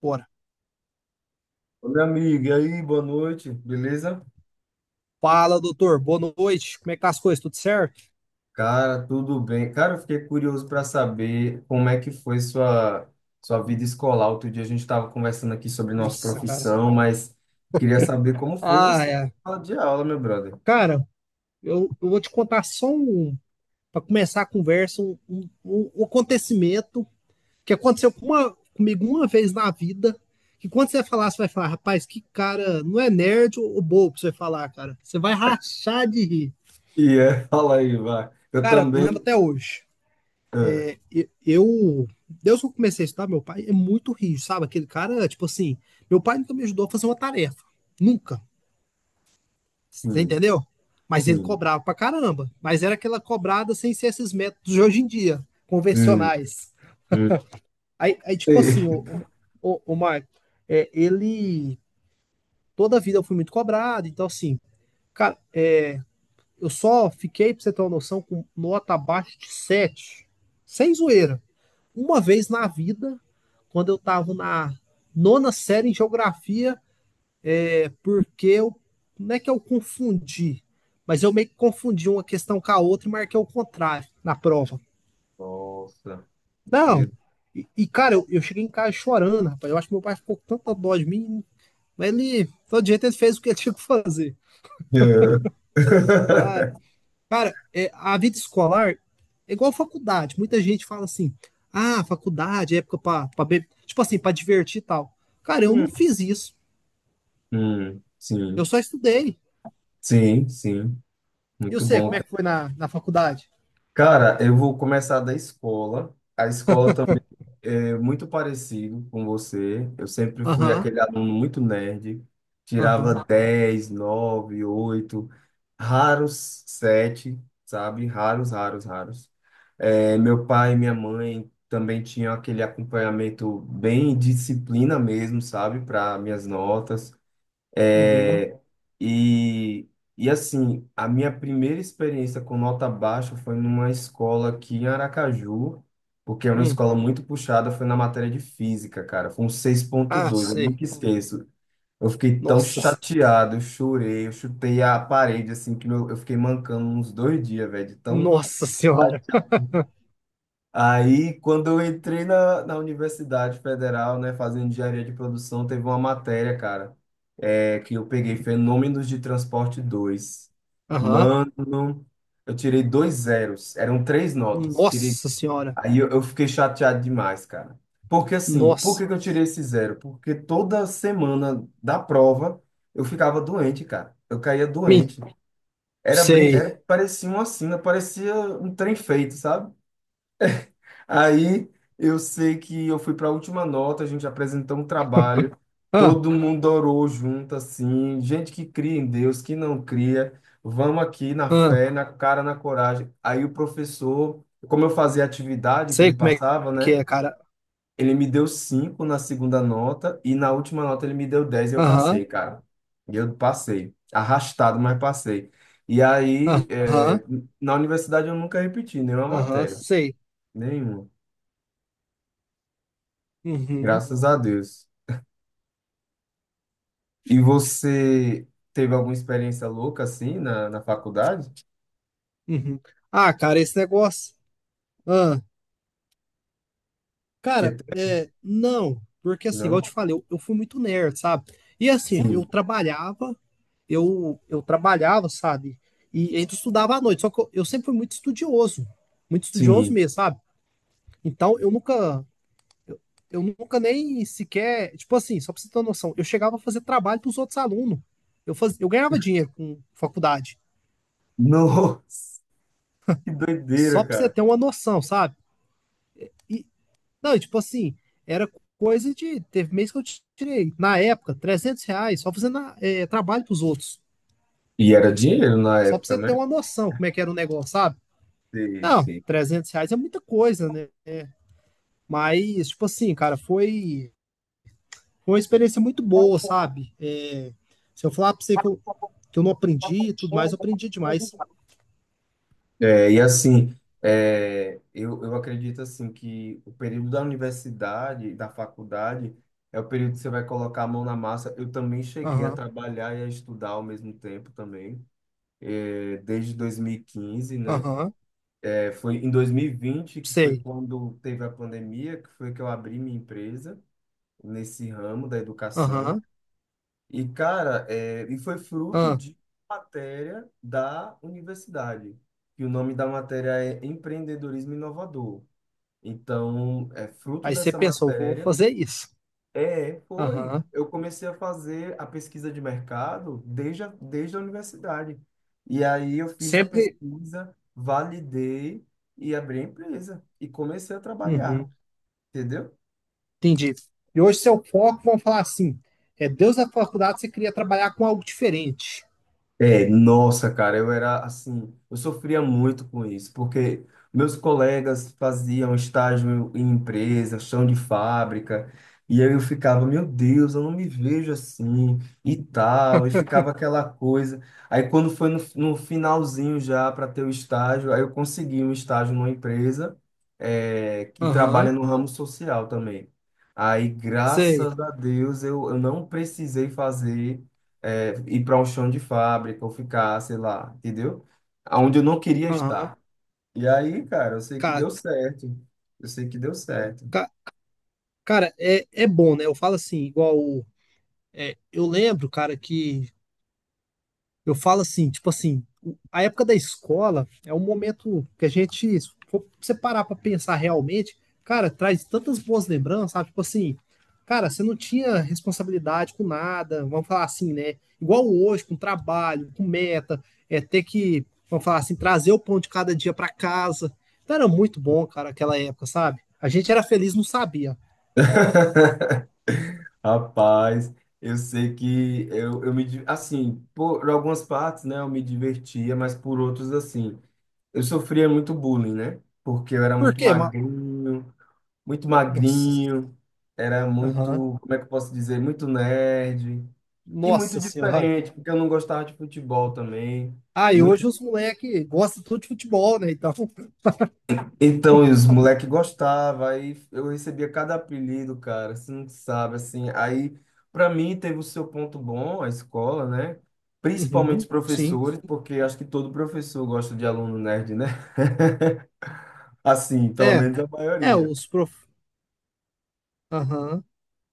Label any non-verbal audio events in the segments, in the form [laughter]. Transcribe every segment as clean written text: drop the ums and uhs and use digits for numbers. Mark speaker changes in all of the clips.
Speaker 1: Bora.
Speaker 2: Ô, meu amigo, e aí, boa noite, beleza?
Speaker 1: Fala, doutor. Boa noite. Como é que tá as coisas? Tudo certo?
Speaker 2: Cara, tudo bem. Cara, eu fiquei curioso para saber como é que foi sua, sua vida escolar. Outro dia a gente estava conversando aqui sobre nossa
Speaker 1: Nossa, cara.
Speaker 2: profissão, mas queria saber como foi
Speaker 1: Ah,
Speaker 2: você na
Speaker 1: é.
Speaker 2: sala de aula, meu brother.
Speaker 1: Cara, eu vou te contar para começar a conversa, um acontecimento que aconteceu comigo uma vez na vida. Que quando você falar, você vai falar, rapaz, que cara, não é nerd ou bobo pra você falar, cara. Você vai rachar de rir.
Speaker 2: E é, [laughs] fala aí, vai. Eu
Speaker 1: Cara, eu lembro
Speaker 2: também.
Speaker 1: até hoje.
Speaker 2: Ah,
Speaker 1: E- Eu, Deus que eu comecei a estudar, meu pai é muito rígido, sabe? Aquele cara, tipo assim, meu pai nunca me ajudou a fazer uma tarefa. Nunca. Você
Speaker 2: sim,
Speaker 1: entendeu? Mas ele
Speaker 2: sim.
Speaker 1: cobrava pra caramba. Mas era aquela cobrada sem ser esses métodos de hoje em dia,
Speaker 2: Hum,
Speaker 1: convencionais.
Speaker 2: hum.
Speaker 1: Aí tipo assim,
Speaker 2: Ei.
Speaker 1: o Marco, ele. Toda a vida eu fui muito cobrado, então assim, cara, eu só fiquei, pra você ter uma noção, com nota abaixo de sete. Sem zoeira. Uma vez na vida, quando eu tava na nona série em geografia, é porque eu. Não é que eu confundi, mas eu meio que confundi uma questão com a outra e marquei o contrário na prova.
Speaker 2: Nossa,
Speaker 1: Não.
Speaker 2: meu
Speaker 1: E cara, eu cheguei em casa chorando, rapaz. Eu acho que meu pai ficou com tanta dó de mim. Mas ele, todo jeito, ele fez o que ele [laughs] tinha que fazer.
Speaker 2: Deus. [laughs]
Speaker 1: Ah, cara, a vida escolar é igual a faculdade. Muita gente fala assim: ah, faculdade é época pra, beber. Tipo assim, pra divertir e tal. Cara, eu não fiz isso. Eu
Speaker 2: Sim,
Speaker 1: só estudei.
Speaker 2: sim, sim.
Speaker 1: E eu
Speaker 2: Muito
Speaker 1: sei como
Speaker 2: bom.
Speaker 1: é que foi na faculdade?
Speaker 2: Cara, eu vou começar da escola. A escola também é muito parecido com você. Eu sempre fui
Speaker 1: Aham,
Speaker 2: aquele aluno muito nerd,
Speaker 1: aham,
Speaker 2: tirava 10, 9, 8, raros 7, sabe? Raros, raros, raros. É, meu pai e minha mãe também tinham aquele acompanhamento bem disciplina mesmo, sabe? Para minhas notas.
Speaker 1: uhum.
Speaker 2: É, e, e assim, a minha primeira experiência com nota baixa foi numa escola aqui em Aracaju, porque era uma
Speaker 1: Hum.
Speaker 2: escola muito puxada, foi na matéria de física, cara. Foi um seis ponto
Speaker 1: Ah,
Speaker 2: dois, eu
Speaker 1: sei.
Speaker 2: nunca esqueço. Eu fiquei tão
Speaker 1: Nossa,
Speaker 2: chateado, eu chorei, eu chutei a parede, assim, que eu fiquei mancando uns dois dias, velho, de tão.
Speaker 1: nossa senhora.
Speaker 2: Aí, quando eu entrei na Universidade Federal, né, fazendo engenharia de produção, teve uma matéria, cara, que eu peguei Fenômenos de Transporte dois.
Speaker 1: Aham.
Speaker 2: Mano, eu tirei dois zeros, eram três notas. Tirei...
Speaker 1: Nossa senhora.
Speaker 2: Eu fiquei chateado demais, cara. Porque assim, por que
Speaker 1: Nossa.
Speaker 2: que eu tirei esse zero? Porque toda semana da prova eu ficava doente, cara. Eu caía
Speaker 1: Mim.
Speaker 2: doente. Era,
Speaker 1: Sei.
Speaker 2: era... Parecia uma sina, parecia um trem feito, sabe? Aí eu sei que eu fui para a última nota, a gente apresentou um trabalho,
Speaker 1: Ah,
Speaker 2: todo mundo orou junto, assim, gente que cria em Deus, que não cria, vamos aqui na
Speaker 1: ah.
Speaker 2: fé, na cara, na coragem. Aí o professor, como eu fazia a atividade que
Speaker 1: Sei
Speaker 2: ele
Speaker 1: como é
Speaker 2: passava,
Speaker 1: que
Speaker 2: né?
Speaker 1: é, cara.
Speaker 2: Ele me deu cinco na segunda nota e na última nota ele me deu 10 e eu
Speaker 1: Aham.
Speaker 2: passei, cara. E eu passei, arrastado, mas passei. E aí,
Speaker 1: Aham.
Speaker 2: na universidade eu nunca repeti nenhuma
Speaker 1: Aham.
Speaker 2: matéria,
Speaker 1: Sei.
Speaker 2: nenhuma.
Speaker 1: Uhum.
Speaker 2: Graças a Deus. E você teve alguma experiência louca assim na faculdade?
Speaker 1: Uhum. Ah, cara, esse negócio. Ah.
Speaker 2: Você
Speaker 1: Cara,
Speaker 2: teve,
Speaker 1: não. Porque assim, igual eu te
Speaker 2: não?
Speaker 1: falei, eu fui muito nerd, sabe? E assim, eu
Speaker 2: Sim,
Speaker 1: trabalhava, eu trabalhava, sabe? E ainda estudava à noite. Só que eu sempre fui muito estudioso. Muito estudioso
Speaker 2: sim.
Speaker 1: mesmo, sabe? Então, eu, eu nunca nem sequer, tipo assim, só pra você ter uma noção, eu chegava a fazer trabalho pros outros alunos. Eu ganhava dinheiro com faculdade,
Speaker 2: [laughs] Nossa, que
Speaker 1: só
Speaker 2: doideira,
Speaker 1: pra você
Speaker 2: cara.
Speaker 1: ter uma noção, sabe? E, não, e tipo assim, era coisa de, teve mês que eu tirei, na época, R$ 300, só fazendo trabalho pros outros.
Speaker 2: E era dinheiro na
Speaker 1: Só pra
Speaker 2: época,
Speaker 1: você
Speaker 2: né?
Speaker 1: ter uma noção como é que era o negócio, sabe?
Speaker 2: Sim,
Speaker 1: Não,
Speaker 2: sim.
Speaker 1: R$ 300 é muita coisa, né? Mas, tipo assim, cara, foi. Foi uma experiência muito boa, sabe? É, se eu falar pra você que eu não aprendi e tudo mais, eu aprendi demais.
Speaker 2: É, e assim, eu acredito assim que o período da universidade, da faculdade, é o período que você vai colocar a mão na massa. Eu também cheguei a
Speaker 1: Aham,
Speaker 2: trabalhar e a estudar ao mesmo tempo também, é, desde 2015, né?
Speaker 1: aham,
Speaker 2: É, foi em 2020, que foi
Speaker 1: sei.
Speaker 2: quando teve a pandemia, que foi que eu abri minha empresa nesse ramo da educação.
Speaker 1: Aham,
Speaker 2: E, cara, é, e foi fruto
Speaker 1: aham.
Speaker 2: de matéria da universidade, que o nome da matéria é Empreendedorismo Inovador. Então, é fruto
Speaker 1: Aí você
Speaker 2: dessa
Speaker 1: pensou: vou
Speaker 2: matéria.
Speaker 1: fazer isso.
Speaker 2: É, foi.
Speaker 1: Aham,
Speaker 2: Eu comecei a fazer a pesquisa de mercado desde a universidade. E aí eu fiz a
Speaker 1: sempre.
Speaker 2: pesquisa, validei e abri a empresa. E comecei a trabalhar,
Speaker 1: Uhum,
Speaker 2: entendeu?
Speaker 1: entendi. E hoje seu foco, vamos falar assim, é Deus da faculdade, você queria trabalhar com algo diferente.
Speaker 2: É, nossa, cara, eu era assim, eu sofria muito com isso, porque meus colegas faziam estágio em empresa, chão de fábrica, e aí eu ficava, meu Deus, eu não me vejo assim, e tal, e ficava aquela coisa. Aí quando foi no finalzinho já para ter o estágio, aí eu consegui um estágio numa empresa, é, que trabalha
Speaker 1: Aham,
Speaker 2: no ramo social também. Aí,
Speaker 1: sei.
Speaker 2: graças a Deus, eu não precisei fazer é, ir para um chão de fábrica ou ficar, sei lá, entendeu? Aonde eu não queria
Speaker 1: Aham.
Speaker 2: estar. E aí, cara, eu sei que
Speaker 1: Cara,
Speaker 2: deu certo. Eu sei que deu certo.
Speaker 1: ca- cara, é bom, né? Eu falo assim, igual. Eu lembro, cara, que eu falo assim, tipo assim, a época da escola é um momento que a gente, se for você parar pra pensar realmente, cara, traz tantas boas lembranças, sabe? Tipo assim, cara, você não tinha responsabilidade com nada, vamos falar assim, né? Igual hoje, com trabalho, com meta, é ter que, vamos falar assim, trazer o pão de cada dia pra casa. Então era muito bom, cara, aquela época, sabe? A gente era feliz, não sabia.
Speaker 2: [laughs] Rapaz, eu sei que eu me, di- assim, por algumas partes, né, eu me divertia, mas por outros, assim, eu sofria muito bullying, né? Porque eu era
Speaker 1: Por quê? Mas,
Speaker 2: muito
Speaker 1: nossa,
Speaker 2: magrinho, era
Speaker 1: aham.
Speaker 2: muito, como é que eu posso dizer, muito nerd. E muito
Speaker 1: Nossa senhora.
Speaker 2: diferente, porque eu não gostava de futebol também.
Speaker 1: Ah, e
Speaker 2: Muito...
Speaker 1: hoje os moleques gostam tudo de futebol, né? Então,
Speaker 2: Então, e os moleques gostavam, aí eu recebia cada apelido, cara, você não sabe, assim. Aí, para mim, teve o seu ponto bom, a escola, né? Principalmente os
Speaker 1: uhum, sim.
Speaker 2: professores, porque acho que todo professor gosta de aluno nerd, né? [laughs] Assim, pelo
Speaker 1: é,
Speaker 2: menos a maioria,
Speaker 1: os prof... Aham,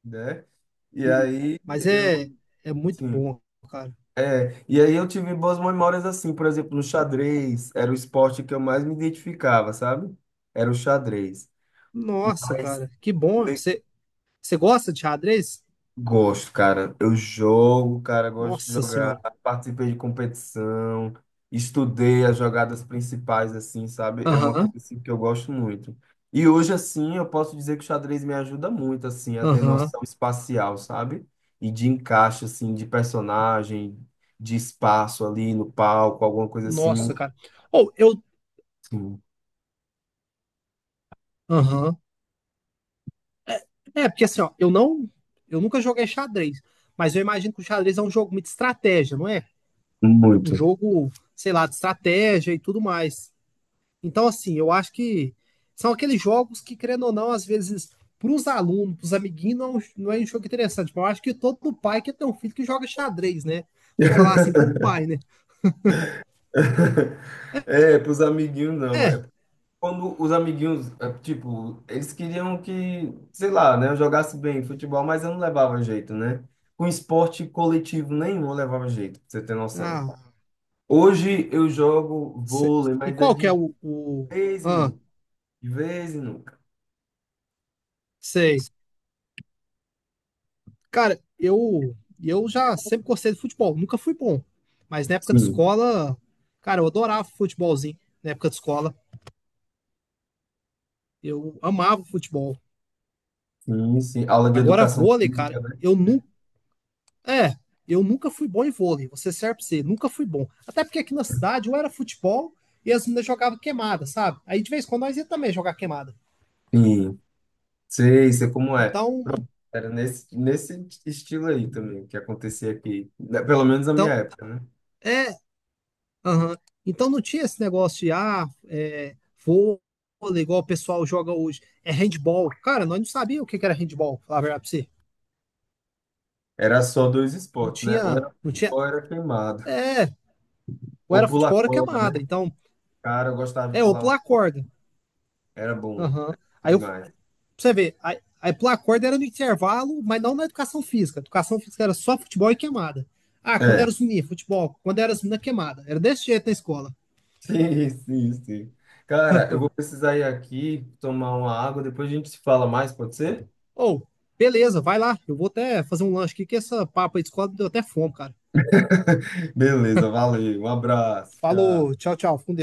Speaker 2: né? E
Speaker 1: e...
Speaker 2: aí,
Speaker 1: Mas é muito
Speaker 2: sim.
Speaker 1: bom, cara.
Speaker 2: É, e aí eu tive boas memórias assim, por exemplo, no
Speaker 1: N-
Speaker 2: xadrez, era o esporte que eu mais me identificava, sabe? Era o xadrez.
Speaker 1: Nossa,
Speaker 2: Mas
Speaker 1: cara, que bom.
Speaker 2: le-
Speaker 1: Você gosta de xadrez?
Speaker 2: gosto, cara. Eu jogo, cara, gosto de
Speaker 1: Nossa
Speaker 2: jogar.
Speaker 1: senhora.
Speaker 2: Participei de competição, estudei as jogadas principais, assim, sabe? É uma
Speaker 1: Aham,
Speaker 2: coisa assim, que eu gosto muito. E hoje, assim, eu posso dizer que o xadrez me ajuda muito, assim, a ter
Speaker 1: aham.
Speaker 2: noção espacial, sabe? E de encaixe, assim, de personagem, de espaço ali no palco, alguma coisa assim.
Speaker 1: Nossa, cara. Ou eu.
Speaker 2: Sim,
Speaker 1: Aham. É, porque assim, ó, eu nunca joguei xadrez, mas eu imagino que o xadrez é um jogo muito de estratégia, não é? Um
Speaker 2: muito.
Speaker 1: jogo, sei lá, de estratégia e tudo mais. Então, assim, eu acho que são aqueles jogos que, querendo ou não, às vezes, para os alunos, para os amiguinhos, não, não é um jogo interessante. Mas eu acho que todo pai quer ter um filho que joga xadrez, né? Vou falar assim como pai, né?
Speaker 2: [laughs] É, pros amiguinhos não. É
Speaker 1: É.
Speaker 2: quando os amiguinhos, tipo, eles queriam que, sei lá, né, eu jogasse bem futebol, mas eu não levava jeito, né? Com esporte coletivo nenhum eu levava jeito, pra você ter noção.
Speaker 1: Ah,
Speaker 2: Hoje eu jogo
Speaker 1: cê-
Speaker 2: vôlei,
Speaker 1: e
Speaker 2: mas é
Speaker 1: qual que é
Speaker 2: de
Speaker 1: o...
Speaker 2: vez em
Speaker 1: Ah,
Speaker 2: nunca, de vez em nunca.
Speaker 1: sei. Cara, eu já sempre gostei de futebol. Nunca fui bom. Mas na época de
Speaker 2: Sim,
Speaker 1: escola, cara, eu adorava futebolzinho. Na época de escola, eu amava futebol.
Speaker 2: sim, sim. Aula de
Speaker 1: Agora,
Speaker 2: educação
Speaker 1: vôlei,
Speaker 2: física,
Speaker 1: cara,
Speaker 2: né?
Speaker 1: É, eu nunca fui bom em vôlei, você serve pra você, nunca fui bom. Até porque aqui na cidade ou era futebol e as meninas jogavam queimada, sabe? Aí de vez em quando nós ia também jogar queimada.
Speaker 2: Sim, sei, sei como é.
Speaker 1: Então, não-
Speaker 2: Era nesse estilo aí também que acontecia aqui, né, pelo menos na minha
Speaker 1: então
Speaker 2: época, né?
Speaker 1: é, aham. Então não tinha esse negócio de, ah, vôlei, igual o pessoal joga hoje, é handball. Cara, nós não sabíamos o que que era handball, falar a verdade pra você.
Speaker 2: Era só dois
Speaker 1: Não
Speaker 2: esportes, né? Ou
Speaker 1: tinha,
Speaker 2: era futebol,
Speaker 1: não tinha,
Speaker 2: ou era queimado.
Speaker 1: é, ou
Speaker 2: Ou
Speaker 1: era
Speaker 2: pular
Speaker 1: futebol ou era
Speaker 2: corda,
Speaker 1: queimada.
Speaker 2: né?
Speaker 1: Então,
Speaker 2: Cara, eu gostava de
Speaker 1: ou
Speaker 2: pular uma
Speaker 1: pular
Speaker 2: corda.
Speaker 1: corda.
Speaker 2: Era bom.
Speaker 1: Aham.
Speaker 2: Era bom
Speaker 1: Aí eu,
Speaker 2: demais.
Speaker 1: você ver, a aí pular corda era no intervalo, mas não na educação física. A educação física era só futebol e queimada. Ah, quando
Speaker 2: É.
Speaker 1: era os
Speaker 2: [laughs]
Speaker 1: meninos, futebol. Quando era as meninas, queimada. Era desse jeito na escola.
Speaker 2: Sim, sim, sim. Cara, eu vou precisar ir aqui tomar uma água, depois a gente se fala mais, pode ser?
Speaker 1: Ou, oh, beleza, vai lá. Eu vou até fazer um lanche aqui, que essa papa aí de escola me deu até fome, cara.
Speaker 2: [laughs] Beleza, valeu. Um abraço.
Speaker 1: Falou,
Speaker 2: Tchau.
Speaker 1: tchau, tchau. Fico com Deus.